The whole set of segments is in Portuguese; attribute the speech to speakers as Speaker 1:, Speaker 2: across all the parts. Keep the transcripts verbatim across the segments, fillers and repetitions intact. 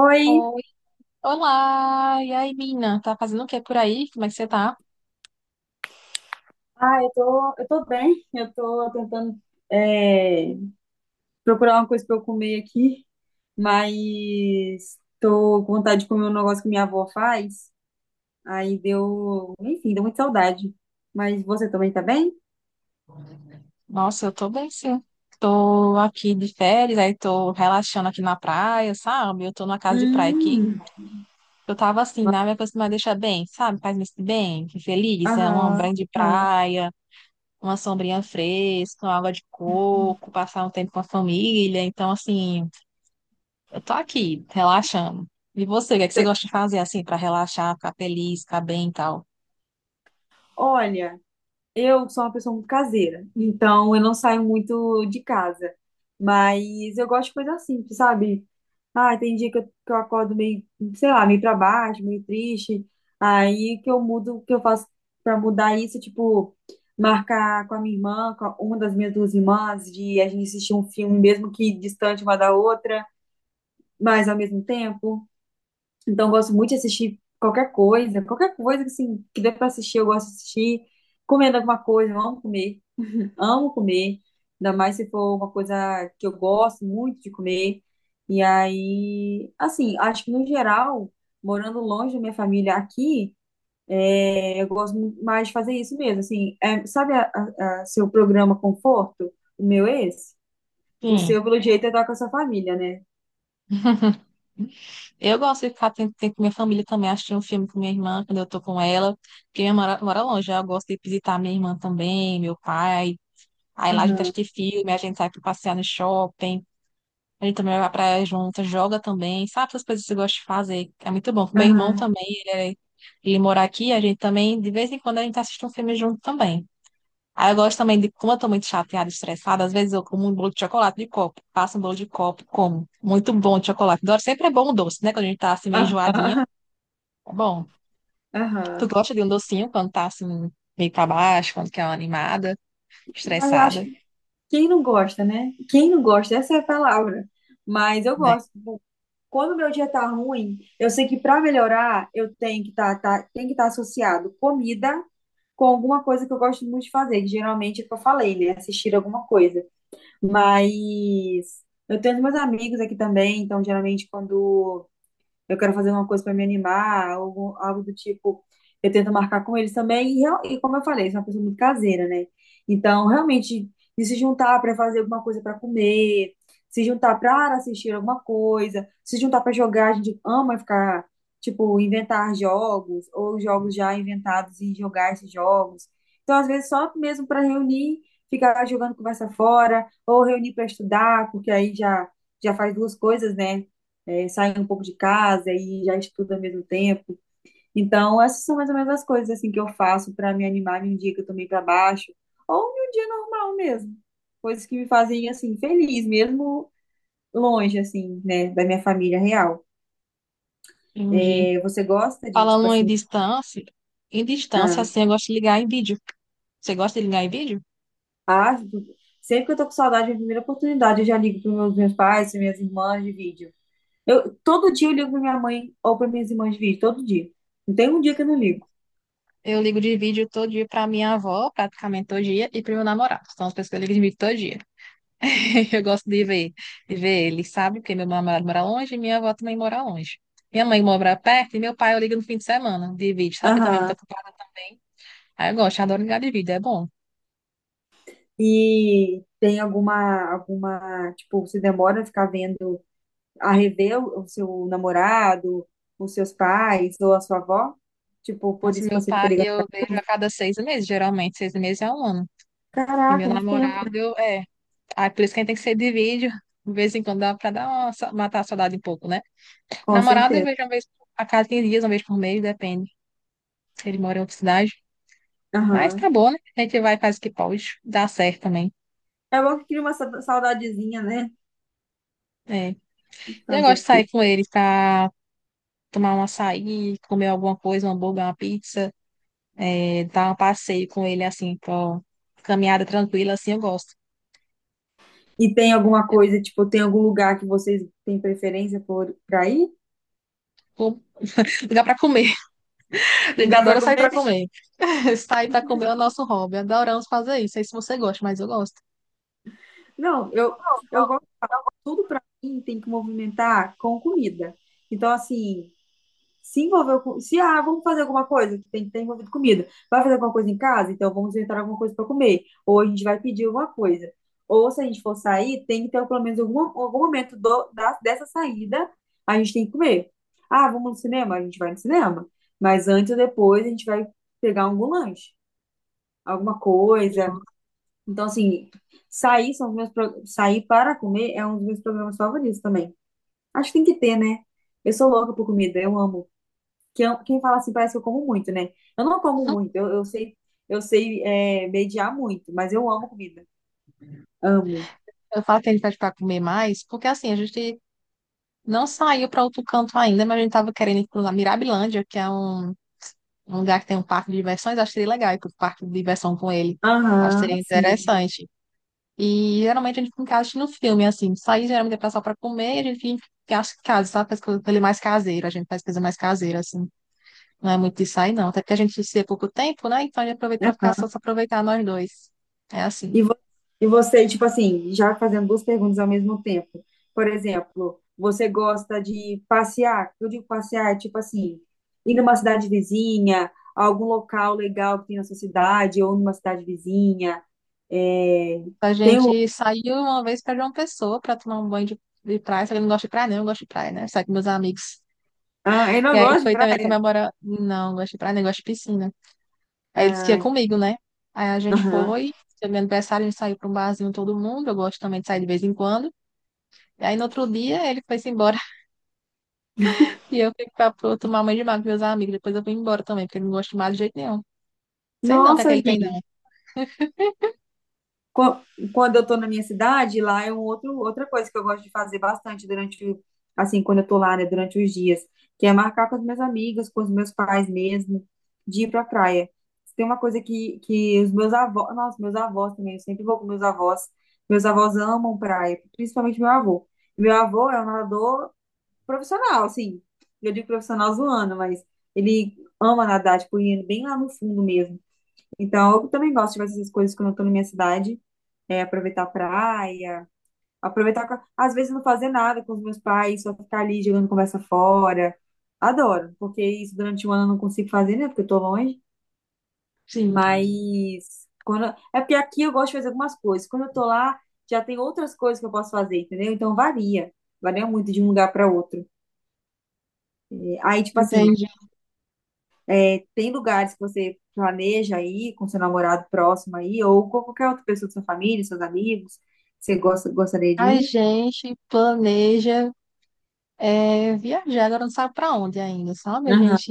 Speaker 1: Oi,
Speaker 2: Oi, olá! E aí, Mina? Tá fazendo o que por aí? Como é que você tá?
Speaker 1: ah, eu tô, eu tô bem, eu tô tentando é, procurar uma coisa pra eu comer aqui, mas tô com vontade de comer um negócio que minha avó faz, aí deu, enfim, deu muita saudade. Mas você também tá bem?
Speaker 2: Nossa, eu tô bem, sim. Tô aqui de férias, aí tô relaxando aqui na praia, sabe? Eu tô numa casa de praia aqui.
Speaker 1: Hum.
Speaker 2: Eu tava assim, né? Minha coisa me deixa bem, sabe? Faz-me sentir bem, que feliz. É uma
Speaker 1: Aham,
Speaker 2: grande
Speaker 1: aham.
Speaker 2: praia, uma sombrinha fresca, uma água de coco, passar um tempo com a família. Então, assim, eu tô aqui, relaxando. E você, o que é que você gosta de fazer, assim, pra relaxar, ficar feliz, ficar bem e tal?
Speaker 1: Olha, eu sou uma pessoa muito caseira, então eu não saio muito de casa. Mas eu gosto de coisa simples, sabe? Ah, tem dia que eu, que eu acordo meio, sei lá, meio pra baixo, meio triste. Aí que eu mudo, o que eu faço pra mudar isso, é, tipo, marcar com a minha irmã, com a- uma das minhas duas irmãs, de a gente assistir um filme, mesmo que distante uma da outra, mas ao mesmo tempo. Então eu gosto muito de assistir qualquer coisa, qualquer coisa assim, que dê pra assistir, eu gosto de assistir. Comendo alguma coisa, eu amo comer. Amo comer, ainda mais se for uma coisa que eu gosto muito de comer. E aí, assim, acho que no geral, morando longe da minha família aqui, é, eu gosto muito mais de fazer isso mesmo. Assim, é, sabe a, a- a seu programa Conforto? O meu é esse? O
Speaker 2: Sim.
Speaker 1: seu, pelo jeito, é estar com a sua família, né?
Speaker 2: Eu gosto de ficar tempo, tempo com minha família também, assistir um filme com minha irmã quando eu tô com ela, porque minha irmã mora, mora longe, aí eu gosto de visitar minha irmã também, meu pai. Aí lá a gente
Speaker 1: Aham,
Speaker 2: assiste filme, a gente sai pra passear no shopping, a gente também vai pra praia junto, joga também, sabe essas coisas que eu gosto de fazer? É muito bom. Meu irmão
Speaker 1: aham,
Speaker 2: também, ele, é- ele mora aqui, a gente também, de vez em quando a gente assiste um filme junto também. Aí eu gosto também de, como eu tô muito chateada, estressada, às vezes eu como um bolo de chocolate de copo, passo um bolo de copo, como. Muito bom de chocolate. Adoro, sempre é bom o doce, né? Quando a gente tá assim meio enjoadinha.
Speaker 1: aham,
Speaker 2: Bom, tu
Speaker 1: aham.
Speaker 2: gosta de um docinho quando tá assim, meio pra baixo, quando quer uma animada,
Speaker 1: Mas eu acho
Speaker 2: estressada,
Speaker 1: que quem não gosta, né? Quem não gosta, essa é a palavra. Mas eu
Speaker 2: né?
Speaker 1: gosto. Quando o meu dia tá ruim, eu sei que para melhorar, eu tenho que tá, tá, tem que estar associado comida com alguma coisa que eu gosto muito de fazer, que geralmente é o que eu falei, né? Assistir alguma coisa. Mas eu tenho os meus amigos aqui também, então geralmente quando eu quero fazer uma coisa para me animar, algo, algo do tipo, eu tento marcar com eles também, e, real- e como eu falei, sou uma pessoa muito caseira, né? Então, realmente, de se juntar para fazer alguma coisa para comer, se juntar para assistir alguma coisa, se juntar para jogar, a gente ama ficar, tipo, inventar jogos, ou jogos já inventados e jogar esses jogos. Então, às vezes, só mesmo para reunir, ficar jogando conversa fora, ou reunir para estudar, porque aí já, já faz duas coisas, né? É, sai um pouco de casa e já estuda ao mesmo tempo. Então, essas são mais ou menos as coisas assim que eu faço para me animar num dia que eu tô meio para baixo, ou num dia normal mesmo. Coisas que me fazem assim feliz, mesmo longe assim, né, da minha família real.
Speaker 2: Entendi.
Speaker 1: É, você gosta de tipo
Speaker 2: Falando em
Speaker 1: assim,
Speaker 2: distância, em distância,
Speaker 1: ah,
Speaker 2: assim, eu gosto de ligar em vídeo. Você gosta de ligar em vídeo?
Speaker 1: ah, tipo, sempre que eu tô com saudade, a primeira oportunidade eu já ligo para meus meus pais, para minhas irmãs de vídeo. Eu todo dia eu ligo para minha mãe ou para minhas irmãs de vídeo, todo dia. Não tem um dia que eu não ligo.
Speaker 2: Eu ligo de vídeo todo dia pra minha avó, praticamente todo dia, e pro meu namorado. São as pessoas que eu ligo de vídeo todo dia. Eu gosto de ver, de ver ele, sabe? Porque meu namorado mora longe e minha avó também mora longe. Minha mãe mora perto e meu pai eu ligo no fim de semana de vídeo, sabe? Eu também muito
Speaker 1: Aham.
Speaker 2: ocupada também. Aí eu gosto, eu adoro ligar de vídeo, é bom.
Speaker 1: E tem alguma, alguma, tipo, você demora a ficar vendo, a rever o o seu namorado, os seus pais ou a sua avó? Tipo, por
Speaker 2: Nossa,
Speaker 1: isso que
Speaker 2: meu
Speaker 1: você fica
Speaker 2: pai
Speaker 1: ligando.
Speaker 2: eu vejo a cada seis meses, geralmente, seis meses é um ano. E
Speaker 1: Caraca,
Speaker 2: meu
Speaker 1: muito tempo, né?
Speaker 2: namorado, eu- é. Ah, por isso que a gente tem que ser de vídeo, de vez em quando dá pra dar uma sa- matar a saudade um pouco, né?
Speaker 1: Com
Speaker 2: Namorado eu
Speaker 1: certeza.
Speaker 2: vejo uma vez a cada quinze dias, uma vez por mês, depende. Se ele mora em outra cidade. Mas
Speaker 1: Aham.
Speaker 2: tá bom, né? A gente vai e faz o que pode. Dá certo também.
Speaker 1: É bom que cria uma sa- saudadezinha, né?
Speaker 2: É. Eu
Speaker 1: Fazer
Speaker 2: gosto
Speaker 1: o
Speaker 2: de sair
Speaker 1: quê?
Speaker 2: com ele pra tomar um açaí, comer alguma coisa, um hambúrguer, uma pizza, é, dar um passeio com ele, assim, pra uma caminhada tranquila, assim, eu gosto.
Speaker 1: E tem alguma coisa, tipo, tem algum lugar que vocês têm preferência por, pra ir?
Speaker 2: Com- Lugar pra comer. A
Speaker 1: Um
Speaker 2: gente
Speaker 1: lugar pra
Speaker 2: adora sair
Speaker 1: comer?
Speaker 2: pra comer. Sair pra comer é o nosso hobby. Adoramos fazer isso. Não sei se você gosta, mas eu gosto.
Speaker 1: Não, eu, eu gosto de tudo pra mim, tem que movimentar com comida. Então, assim, se envolveu com. Se, ah, vamos fazer alguma coisa, que tem que ter envolvido comida. Vai fazer alguma coisa em casa? Então vamos inventar alguma coisa para comer. Ou a gente vai pedir alguma coisa. Ou se a gente for sair, tem que ter pelo menos algum, algum momento do, da, dessa saída, a gente tem que comer. Ah, vamos no cinema? A gente vai no cinema. Mas antes ou depois a gente vai pegar algum lanche, alguma coisa. Então, assim, sair, são os meus, pro- sair para comer é um dos meus programas favoritos também. Acho que tem que ter, né? Eu sou louca por comida, eu amo que eu- quem fala assim parece que eu como muito, né? Eu não como muito, eu, eu sei, eu sei é, mediar muito, mas eu amo comida. Amo.
Speaker 2: Eu falo que a gente pede pra comer mais, porque assim, a gente não saiu pra outro canto ainda, mas a gente tava querendo ir pra Mirabilândia, que é um, um lugar que tem um parque de diversões. Acho que seria legal ir pro parque de diversão com ele. Acho que seria
Speaker 1: Aham, sim.
Speaker 2: interessante. E geralmente a gente fica em casa no filme, assim. Sair geralmente é pra só pra comer, e a gente fica em casa, sabe? Faz coisa coisa mais caseira. A gente faz coisa mais caseira, assim. Não é muito de sair, não. Até porque a gente se vê pouco tempo, né? Então a gente aproveita pra ficar só se aproveitar nós dois. É assim.
Speaker 1: E, vo- e você, tipo assim, já fazendo duas perguntas ao mesmo tempo. Por exemplo, você gosta de passear? Eu digo passear, tipo assim, ir numa cidade vizinha, algum local legal que tem na sua cidade, ou numa cidade vizinha. É,
Speaker 2: A
Speaker 1: tem o...
Speaker 2: gente saiu uma vez pra João Pessoa pra tomar um banho de, de praia. Só que eu não gosto de praia, não. Eu gosto de praia, né? Sai com meus amigos.
Speaker 1: Ah, eu
Speaker 2: E
Speaker 1: não
Speaker 2: aí
Speaker 1: gosto de
Speaker 2: foi também
Speaker 1: praia.
Speaker 2: comemorar. Não, não gosto de praia, nem gosto de piscina. Aí eles que ia
Speaker 1: Ah,
Speaker 2: comigo, né? Aí a gente
Speaker 1: aham.
Speaker 2: foi. Foi meu aniversário, a gente saiu pra um barzinho todo mundo. Eu gosto também de sair de vez em quando. E aí no outro dia ele foi-se embora. E eu fui pra, pra tomar banho de mar com meus amigos. Depois eu fui embora também, porque eu não gosto de mar de jeito nenhum. Sei não o que é
Speaker 1: Nossa,
Speaker 2: que ele tem, não.
Speaker 1: Qu- quando eu estou na minha cidade, lá é um outro, outra coisa que eu gosto de fazer bastante durante, o- assim, quando eu estou lá, né, durante os dias, que é marcar com as minhas amigas, com os meus pais mesmo, de ir para a praia. Se tem uma coisa que, que os meus avós, nossa, meus avós também, eu sempre vou com meus avós. Meus avós amam praia, principalmente meu avô. Meu avô é um nadador profissional, assim, eu digo profissional zoando, mas ele ama nadar, tipo, ir bem lá no fundo mesmo. Então, eu também gosto de fazer essas coisas quando eu tô na minha cidade é, aproveitar a praia, aproveitar, com- às vezes não fazer nada com os meus pais, só ficar ali jogando conversa fora. Adoro, porque isso durante o ano eu não consigo fazer, né? Porque eu tô longe.
Speaker 2: Sim,
Speaker 1: Mas quando é porque aqui eu gosto de fazer algumas coisas. Quando eu tô lá, já tem outras coisas que eu posso fazer, entendeu? Então varia, varia muito de um lugar para outro. É, aí, tipo assim,
Speaker 2: entendi.
Speaker 1: tem lugares que você planeja aí com seu namorado próximo aí, ou com qualquer outra pessoa da sua família, seus amigos, que você gosta, gostaria de
Speaker 2: A
Speaker 1: ir?
Speaker 2: gente planeja é, viajar, agora não sabe para onde ainda, sabe? A
Speaker 1: Aham,
Speaker 2: gente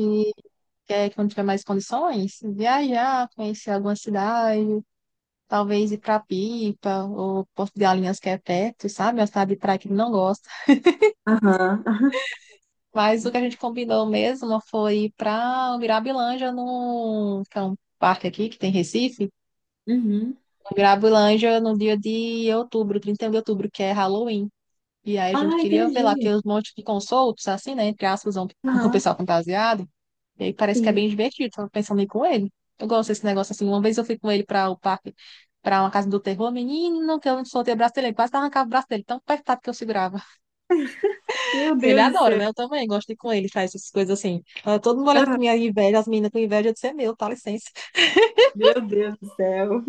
Speaker 2: quer, quando tiver mais condições, viajar, conhecer alguma cidade, talvez ir para Pipa ou Porto de Galinhas, que é perto, sabe? É uma cidade de praia que ele não gosta.
Speaker 1: aham,
Speaker 2: Mas o que a gente combinou mesmo foi ir para Mirabilândia, no que é um parque aqui que tem em Recife.
Speaker 1: uhum.
Speaker 2: Mirabilândia no dia de outubro, trinta e um de outubro, que é Halloween. E aí a gente
Speaker 1: Ah,
Speaker 2: queria ver lá,
Speaker 1: entendi.
Speaker 2: tem uns montes que ficam soltos, assim, né? Entre aspas, um, o
Speaker 1: Aham,
Speaker 2: pessoal fantasiado. E aí parece que é
Speaker 1: sim.
Speaker 2: bem divertido, tava pensando em ir com ele. Eu gosto desse negócio assim. Uma vez eu fui com ele para o parque, para uma casa do terror, menino, que eu soltei o braço dele, ele quase arrancava o braço dele, tão apertado que eu segurava.
Speaker 1: Meu
Speaker 2: Ele
Speaker 1: Deus do
Speaker 2: adora, né? Eu também gosto de ir com ele, faz essas coisas assim. Tava todo mundo olhando
Speaker 1: céu.
Speaker 2: com minha inveja, as meninas com inveja, eu disse, é meu, tá licença.
Speaker 1: Meu Deus do céu.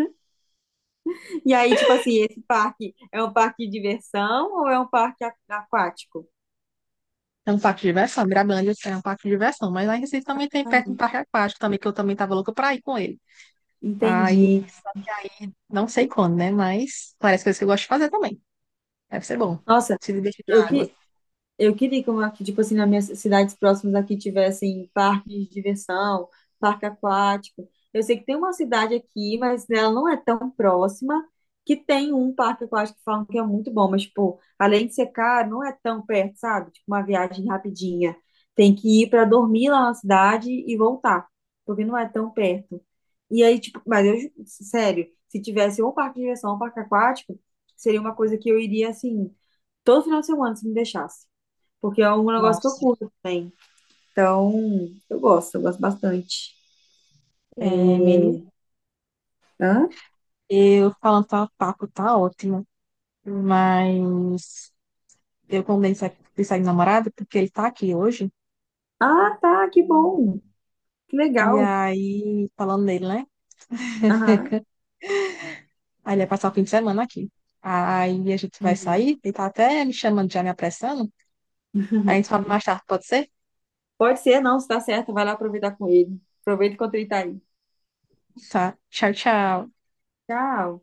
Speaker 1: E aí, tipo assim, esse parque é um parque de diversão ou é um parque a- aquático?
Speaker 2: É um parque de diversão, Mirabilândia é um parque de diversão. Mas lá em Recife também tem
Speaker 1: Ah,
Speaker 2: perto um parque aquático também, que eu também tava louca pra ir com ele. Aí
Speaker 1: entendi.
Speaker 2: não sei quando, né? Mas parece coisas que eu gosto de fazer também. Deve ser bom.
Speaker 1: Nossa,
Speaker 2: Se divertir na
Speaker 1: eu
Speaker 2: água.
Speaker 1: que eu queria que, uma- que, tipo assim, nas minhas cidades próximas aqui tivessem parques de diversão, parque aquático. Eu sei que tem uma cidade aqui, mas ela não é tão próxima, que tem um parque aquático que falam que é muito bom, mas, tipo, além de ser caro, não é tão perto, sabe? Tipo, uma viagem rapidinha. Tem que ir para dormir lá na cidade e voltar, porque não é tão perto. E aí, tipo, mas eu, ju- sério, se tivesse ou um parque de diversão ou um parque aquático, seria uma coisa que eu iria, assim, todo final de semana, se me deixasse porque é um negócio que eu
Speaker 2: Nossa.
Speaker 1: curto também. Então, eu gosto, eu gosto bastante.
Speaker 2: É,
Speaker 1: É,
Speaker 2: menino,
Speaker 1: hã?
Speaker 2: eu falando tá, papo tá ótimo, mas eu combinei de sair de sair com o namorado porque ele tá aqui hoje.
Speaker 1: Ah, tá, que bom. Que
Speaker 2: E
Speaker 1: legal.
Speaker 2: aí, falando dele, né?
Speaker 1: Aham,
Speaker 2: Aí ele vai passar o fim de semana aqui. Aí a gente vai
Speaker 1: entendi.
Speaker 2: sair, ele tá até me chamando, já me apressando. Aí a gente fala mais tarde, pode ser?
Speaker 1: Pode ser, não, se tá certo, vai lá aproveitar com ele. Aproveita enquanto ele tá aí.
Speaker 2: Tá. Tchau, tchau.
Speaker 1: Tchau.